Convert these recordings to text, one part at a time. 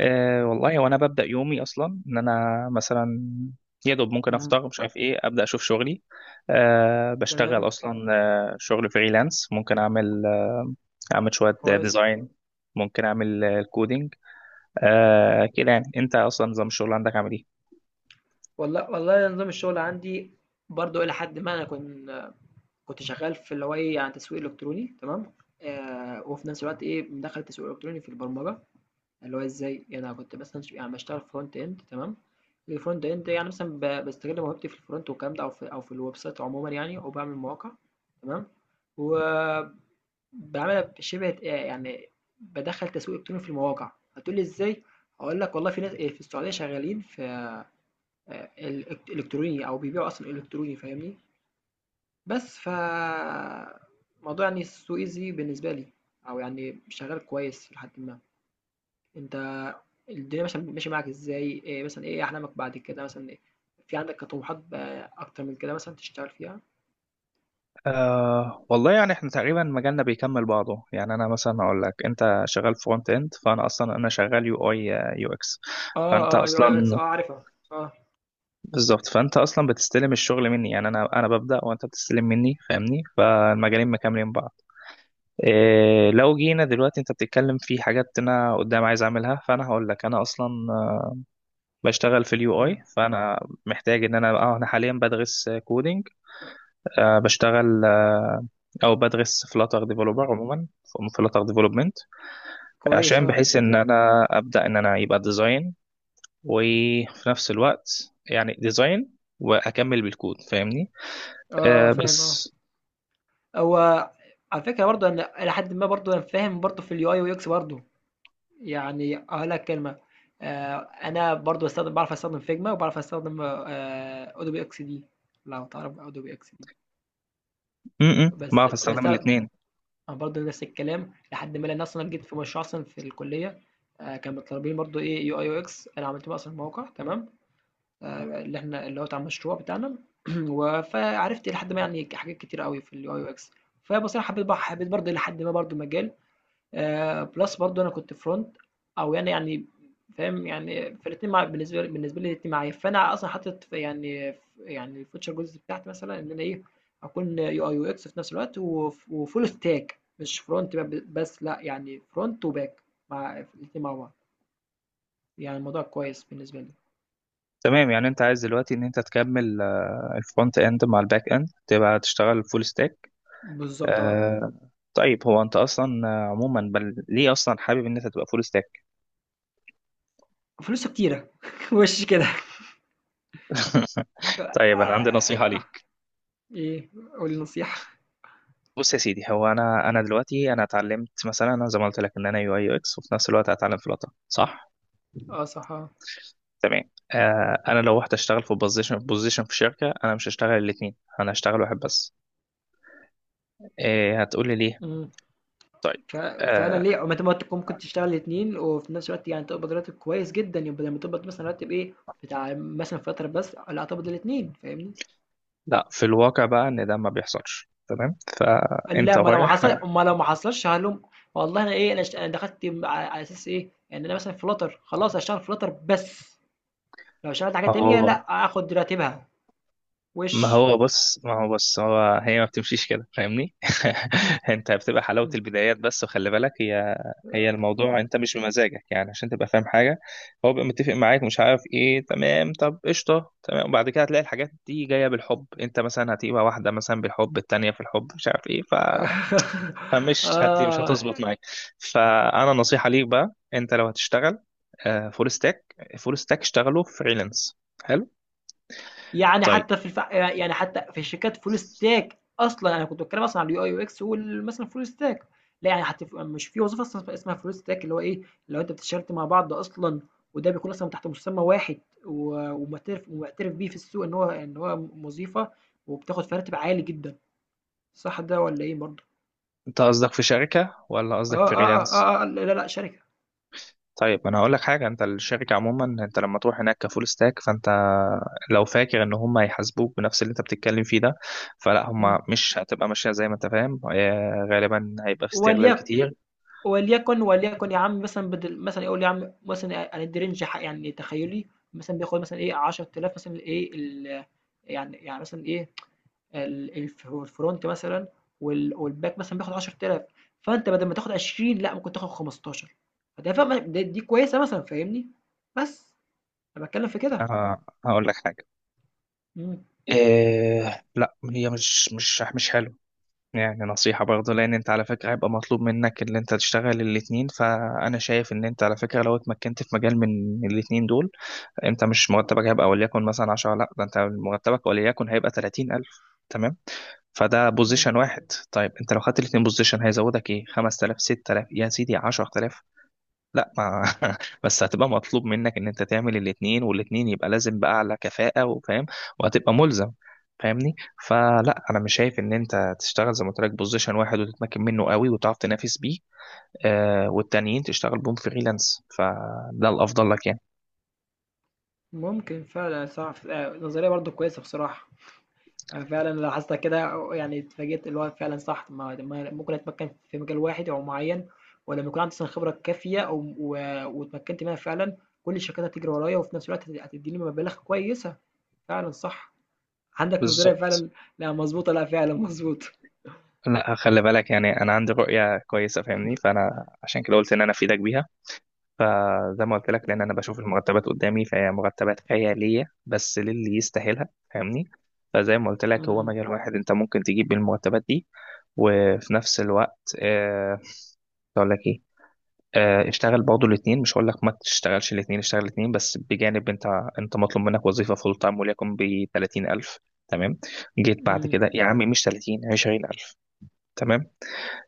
والله وانا ببدا يومي اصلا ان انا مثلا يا دوب ممكن إمم، افطر، مش عارف ايه، ابدا اشوف شغلي. بشتغل تمام، اصلا. شغل فريلانس، ممكن اعمل اعمل شويه كويس. ديزاين. ممكن اعمل الكودينج. كده، يعني انت اصلا نظام الشغل عندك عامل ايه؟ والله نظام الشغل عندي برضه إلى حدٍ ما أنا كنت شغال في اللي هو إيه، يعني تسويق إلكتروني تمام، وفي نفس الوقت إيه، مدخّل التسويق الإلكتروني في البرمجة، اللي هو إزاي، يعني أنا كنت مثلًا يعني باشتغل front end تمام، الfront end يعني مثلًا باستغل موهبتي في الfront والكلام ده أو في الwebsite عمومًا يعني وباعمل مواقع تمام، وباعملها شِبه يعني بادخّل تسويق إلكتروني في المواقع، هتقول لي إزاي، هاقول لك والله في ناس في السعودية شغالين في الإلك إلكتروني أو بيبيعوا أصلًا إلكتروني فاهمني؟ بس موضوع يعني السوق easy بالنسبة لي أو يعني شغال كويس إلى حدٍ ما. أنت الدنيا مثلًا ماشية معاك إزاي؟ مثلًا إيه أحلامك بعد كده مثلًا إيه في عندك طموحات أكتر من كده مثلًا تشتغل فيها؟ والله يعني احنا تقريبا مجالنا بيكمل بعضه، يعني انا مثلا اقول لك انت شغال فرونت اند، فانا اصلا انا شغال يو اي يو اكس. آه، فانت آه UI UX آه اصلا عارفها، آه، بالظبط، فانت اصلا بتستلم الشغل مني، يعني انا ببدا وانت بتستلم مني، فاهمني؟ فالمجالين مكملين بعض. إيه، لو جينا دلوقتي، انت بتتكلم في حاجات انا قدام عايز اعملها، فانا هقول لك انا اصلا بشتغل في اليو اي، إمم، فانا محتاج ان انا حاليا بدرس كودينج. بشتغل، او بدرس فلاتر ديفلوبر عموما، فلاتر ديفلوبمنت. كويس عشان آه، بحيث ان انا ابدا ان انا يبقى ديزاين، وفي نفس الوقت يعني ديزاين، واكمل بالكود، فاهمني؟ آه، آه آه، فاهم آه. بس هو على فكرة برضه أنا إلى حدٍ ما برضه أنا فاهم برضه في الUI والX برضه. يعني أقول لك كلمة آه، أنا برضو بستخدم بعرف أستخدم فيجما وبعرف أستخدم أودوبي إكس دي لو تعرف أودوبي إكس دي بس بعرف استخدم بس أنا الاثنين. برضو نفس الكلام لحد ما أنا أصلا جيت في مشروع أصلا في الكلية آه، كانوا مطالبين برضو إيه يو أي يو إكس أنا عملت بقى أصلا موقع تمام آه، اللي هو بتاع المشروع بتاعنا فعرفت لحد ما يعني حاجات كتير قوي في اليو أي يو إكس فبصراحة حبيت برضو لحد ما برضو مجال plus برضه أنا كنت أو يعني فاهم، يعني فالاتنين بالنسبة لي الاتنين معايا، فأنا أصلًا حاطط في يعني يعني الfuture goals بتاعتي مثلًا إن أنا إيه، أكون UI UX في نفس الوقت وfull stack مش front بس لأ، يعني front وback مع الاتنين مع بعض، يعني الموضوع كويس بالنسبة لي. تمام، يعني انت عايز دلوقتي ان انت تكمل الفرونت اند مع الباك اند، تبقى تشتغل فول ستاك. بالضبط آه، آه طيب، هو انت اصلا عموما، بل ليه اصلا حابب ان انت تبقى فول ستاك؟ وفلوسه كتيرة وش كده. طيب، انا عندي نصيحه آآ ليك. إيه، قُل لي نصيحة. بص يا سيدي، هو انا دلوقتي، انا اتعلمت مثلا، انا زي ما قلت لك ان انا يو اي يو اكس، وفي نفس الوقت هتعلم فلاتر، صح؟ آه صح، آه. تمام. انا لو رحت اشتغل في بوزيشن في شركه، انا مش هشتغل الاثنين، انا هشتغل واحد بس. هتقول لي ليه. إمم. طيب. ف فعلًا آه، ليه ما أنت ممكن تشتغل الاتنين وفي نفس الوقت يعني تقبض راتب كويس جدًا، يبقى لمّا تقبض مثلًا راتب إيه، بتاع مثلًا فترة بس لأ تقبض الاتنين فاهمني؟ لا في الواقع بقى ان ده ما بيحصلش، تمام، قال فانت لأ رايح. ما لو ما حصلش هالوم والله أنا إيه أنا دخلت على أساس إيه، يعني أنا مثلًا Flutter خلاص هاشتغل Flutter بس، لو اشتغلت حاجة ما تانية هو لأ هاخد راتبها، وِش. ما هو بص، هو هي ما بتمشيش كده، فاهمني؟ انت بتبقى حلاوة البدايات بس، وخلي بالك، هي الموضوع انت مش بمزاجك، يعني عشان تبقى فاهم حاجة، هو بيبقى متفق معاك، مش عارف ايه، تمام. طب قشطة، تمام، وبعد كده هتلاقي الحاجات دي جاية بالحب، انت مثلا هتبقى واحدة مثلا بالحب، التانية في الحب، مش عارف ايه. فمش مش آه. هتظبط معاك. فانا نصيحه ليك بقى، انت لو هتشتغل فول ستاك، اشتغلوا فريلانس. حلو. يعني طيب، حتى في يعني حتى في الشركات فول ستاك اصلا انا كنت بتكلم اصلا على اليو اي يو اكس مثلا فول ستاك لا يعني حتى في... مش في وظيفه اصلا اسمها فول ستاك اللي هو ايه لو انت بتشتغل مع بعض اصلا وده بيكون اصلا تحت مسمى واحد و... ومعترف بيه في السوق ان هو وظيفه وبتاخد في راتب عالي جدا صح ده ولا ايه برضه؟ انت قصدك في شركه ولا قصدك فريلانس؟ آه لا شركه طيب، ما انا هقول لك حاجه، انت الشركه عموما، انت لما تروح هناك كفول ستاك، فانت لو فاكر ان هم هيحاسبوك بنفس اللي انت بتتكلم فيه ده، فلا، هم مم. مش هتبقى ماشيه زي ما انت فاهم. غالبا هيبقى في استغلال وليكن كتير. وليكن يا عم مثلًا بدل مثلًا يقول يا عم مثلًا هندّي رينج يعني تخيّلي مثلًا بياخد مثلًا إيه 10.000 مثلًا إيه يعني مثلًا إيه الف الfront مثلًا والback مثلًا بياخد 10.000 فأنت بدل ما تاخد 20 لأ ممكن تاخد 15 فده فاهمة دي كويسة مثلًا فاهمني؟ بس، أنا باتكلّم في كده. هقول لك حاجه، إمم، لا، هي مش حلو. يعني نصيحة برضه، لأن أنت على فكرة هيبقى مطلوب منك اللي أنت تشتغل الاتنين، فأنا شايف إن أنت على فكرة، لو اتمكنت في مجال من الاتنين دول، أنت مش مرتبك هيبقى وليكن مثلا 10، لأ، ده أنت مرتبك وليكن هيبقى 30,000، تمام. فده إمم، بوزيشن واحد. طيب أنت لو خدت الاتنين بوزيشن هيزودك إيه، 5,000، 6,000، يا سيدي 10,000. لا، ما... بس هتبقى مطلوب منك ان انت تعمل الاتنين، والاتنين يبقى لازم بأعلى كفاءة وفاهم، وهتبقى ملزم، فاهمني؟ فلا، انا مش شايف ان انت تشتغل زي ما قلت لك بوزيشن واحد وتتمكن منه قوي وتعرف تنافس بيه، والتانيين تشتغل بهم فريلانس، فده الافضل لك يعني. ممكن فعلًا صح نظرية برضه كويسة بصراحة. أنا فعلًا لاحظتها كده يعني اتفاجئت اللي هو فعلًا صح، ما ما ممكن أتمكن في مجال واحد أو معين ولمّا يكون عندي أصلًا خبرة كافية أو و واتمكنت منها فعلًا، كل الشركات هتجري ورايا وفي نفس الوقت هتدّيني مبالغ كويسة، فعلًا صح. عندك نظرية بالظبط. فعلًا لأ مضبوطة، لأ فعلًا مضبوطة. لا خلي بالك، يعني انا عندي رؤية كويسة، فاهمني؟ فانا عشان كده قلت ان انا افيدك بيها. فزي ما قلت لك، لان إمم، انا بشوف المرتبات قدامي، فهي مرتبات خياليه بس للي يستاهلها، فاهمني؟ فزي ما قلت لك، هو إمم، مجال واحد انت ممكن تجيب بالمرتبات دي، وفي نفس الوقت اقول لك ايه، اشتغل برضه الاثنين، مش هقول لك ما تشتغلش الاثنين، اشتغل الاثنين بس بجانب، انت مطلوب منك وظيفه فول تايم وليكن ب 30,000، تمام. جيت بعد إمم، كده يا عمي مش 30، 20,000، تمام.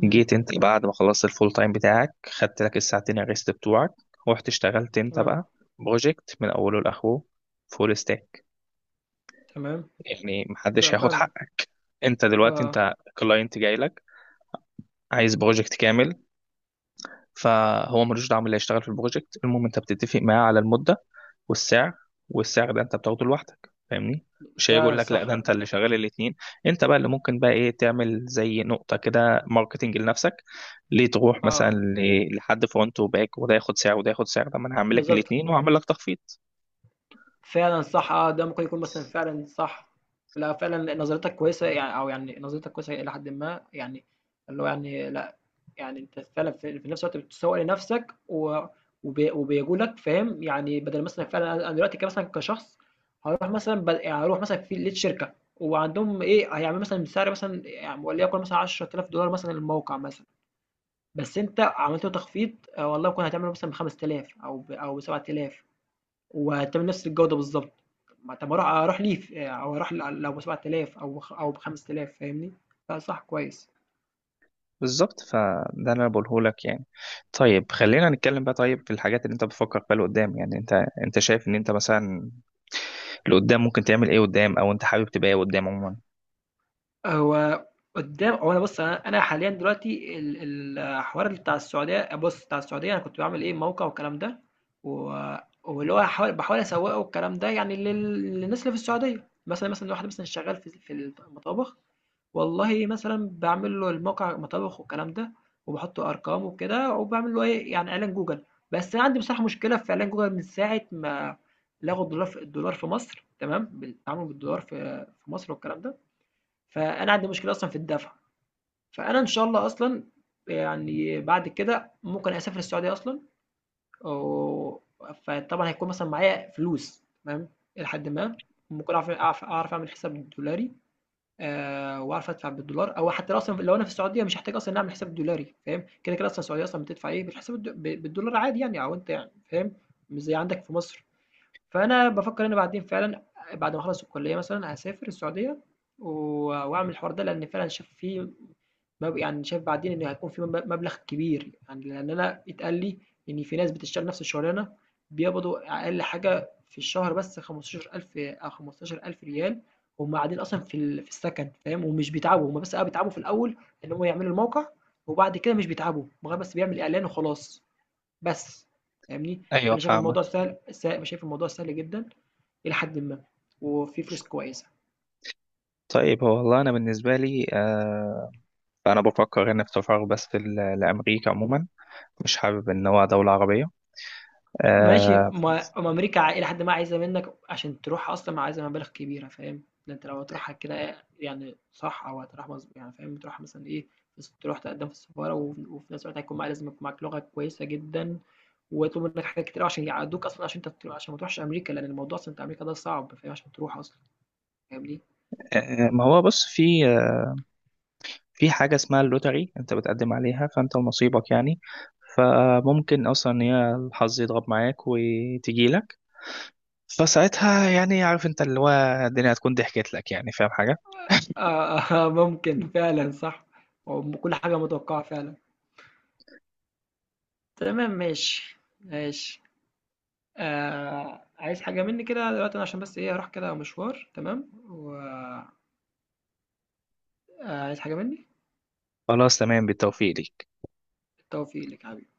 إمم، جيت انت بعد ما خلصت الفول تايم بتاعك، خدت لك الساعتين الريست بتوعك، ورحت اشتغلت انت تمام، بقى بروجكت من اوله لاخره، فول ستاك. تمام. يعني محدش بالضبط هياخد فعلًا، حقك. انت دلوقتي، آه، انت كلاينت جاي لك عايز بروجكت كامل، فهو ملوش دعوه باللي هيشتغل في البروجكت، المهم انت بتتفق معاه على المده والسعر، والسعر ده انت بتاخده لوحدك، فاهمني؟ مش هيجي فعلًا يقول لك لا، ده صح، انت اللي شغال الاثنين. انت بقى اللي ممكن بقى ايه، تعمل زي نقطه كده ماركتنج لنفسك. ليه تروح مثلا آه، لحد فرونت وباك، وده ياخد سعر وده ياخد سعر، طب ما انا هعمل لك بالضبط. الاثنين وهعمل لك تخفيض. فعلًا صح آه، ده ممكن يكون مثلًا فعلًا صح. لأ فعلًا نظرتك كويسة يعني أو يعني نظرتك كويسة إلى حدٍ ما، يعني اللي هو يعني لأ، يعني أنت فعلًا في نفس الوقت بتسوّق لنفسك و وبي وبيجولك فاهم، يعني بدل مثلًا فعلًا أنا دلوقتي مثلًا كشخص هاروح مثلًا يعني هاروح مثلًا في لقيت شركة وعندهم إيه، هيعملوا مثلًا سعر مثلًا يعني وليكن مثلًا $10,000 مثلًا الموقع مثلًا، بس أنت عملت له تخفيض آه، والله ممكن هتعمله مثلًا ب5000 أو ب7000. وهتعمل نفس الجودة بالضبط. ما طب ما أروح ليه أو أروح لو ب7000 أو ب5000 فاهمني؟ لأ صح كويس. بالظبط، فده اللي انا بقوله لك يعني. طيب، خلينا نتكلم بقى. طيب، في الحاجات اللي انت بتفكر فيها لقدام، يعني انت شايف ان انت مثلا اللي قدام ممكن تعمل ايه قدام، او انت حابب تبقى ايه قدام عموما؟ هو قدّام هو أنا بُص أنا أنا حاليًا دلوقتي الحوار بتاع السعودية أنا كنت باعمل إيه موقع والكلام ده، و واللي هو باحاول أسوّقه والكلام ده يعني للناس اللي في السعودية. مثلًا واحد مثلًا شغال في المطابخ والله مثلًا باعمل له الموقع مطابخ والكلام ده، وباحط أرقام وكده، وباعمل له إيه، يعني إعلان جوجل، بس أنا عندي بصراحة مشكلة في إعلان جوجل من ساعة ما لغوا الدولار في مصر تمام، بالتعامل بالدولار في مصر والكلام ده، فأنا عندي مشكلة أصلًا في الدفع، فأنا إن شاء الله أصلًا يعني بعد كده ممكن أسافر السعودية أصلًا، و فطبعًا هيكون مثلًا معايا فلوس تمام، إلى حدٍ ما، ممكن أعرف أعمل حساب دولاري. وعارف أدفع بالدولار أو حتى لو أصلًا لو أنا في السعودية مش هاحتاج أصلًا إني أعمل حساب دولاري فاهم، كده، كده أصلًا السعودية أصلًا بتدفع إيه، بتحسب الد ب بالدولار عادي يعني أو أنت يعني فاهم، مش زي عندك في مصر، فأنا بافكّر أنا بعدين فعلًا بعد ما أخلّص الكلية مثلًا هاسافر السعودية و وأعمل الحوار ده، لإن فعلًا شايف في يعني شايف بعدين إن هيكون في مبلغ كبير، يعني لإن أنا اتقال لي إن في ناس بتشتغل نفس الشغلانة بيقبضوا أقل حاجة في الشهر بس 15,000 أو 15,000 ريال، هم قاعدين أصلًا في في السكن فاهم، ومش بيتعبوا، هم بس آه بيتعبوا في الأول إن هم يعملوا الموقع، وبعد كده مش بيتعبوا، مجرد بس بيعمل إعلان وخلاص، بس فاهمني؟ ايوه، فأنا شايف فاهمك. الموضوع سهل س شايف الموضوع سهل جدًا إلى حدٍ ما، وفيه فلوس كويسة. طيب هو والله انا بالنسبه لي انا بفكر ان التفرغ بس لامريكا عموما، مش حابب ان هو دوله عربيه. ماشي آه ما ما أمريكا إلى حدٍ ما عايزة منّك عشان تروحها أصلًا عايزة مبالغ كبيرة فاهم، ده أنت لو هتروحها كده يعني صح أو هتروح يعني فاهم تروحها مثلًا إيه، بس تروح تقدّم في السفارة وفي نفس الوقت هيكون معاك لازم يكون معاك لغة كويسة جدًا، وهيطلبوا منّك حاجات كتير أوي عشان يعدّوك أصلًا عشان أنت عشان ما تروحش أمريكا، لأن الموضوع أصلًا بتاع أمريكا ده صعب فاهم عشان تروح أصلًا فاهمني؟ آه، ما هو بص، في حاجه اسمها اللوتري، انت بتقدم عليها، فانت ونصيبك يعني. فممكن اصلا ان هي الحظ يضرب معاك وتجي لك، فساعتها يعني، عارف انت اللي هو، الدنيا هتكون ضحكت لك يعني، فاهم حاجه. آه، ممكن فعلًا صح، كل حاجة متوقعة فعلًا. تمام ماشي، ماشي. آه عايز حاجة مني كده دلوقتي أنا عشان بس إيه هروح كده مشوار تمام آه، عايز حاجة مني؟ خلاص، تمام، بالتوفيق ليك. التوفيق لك يا حبيبي.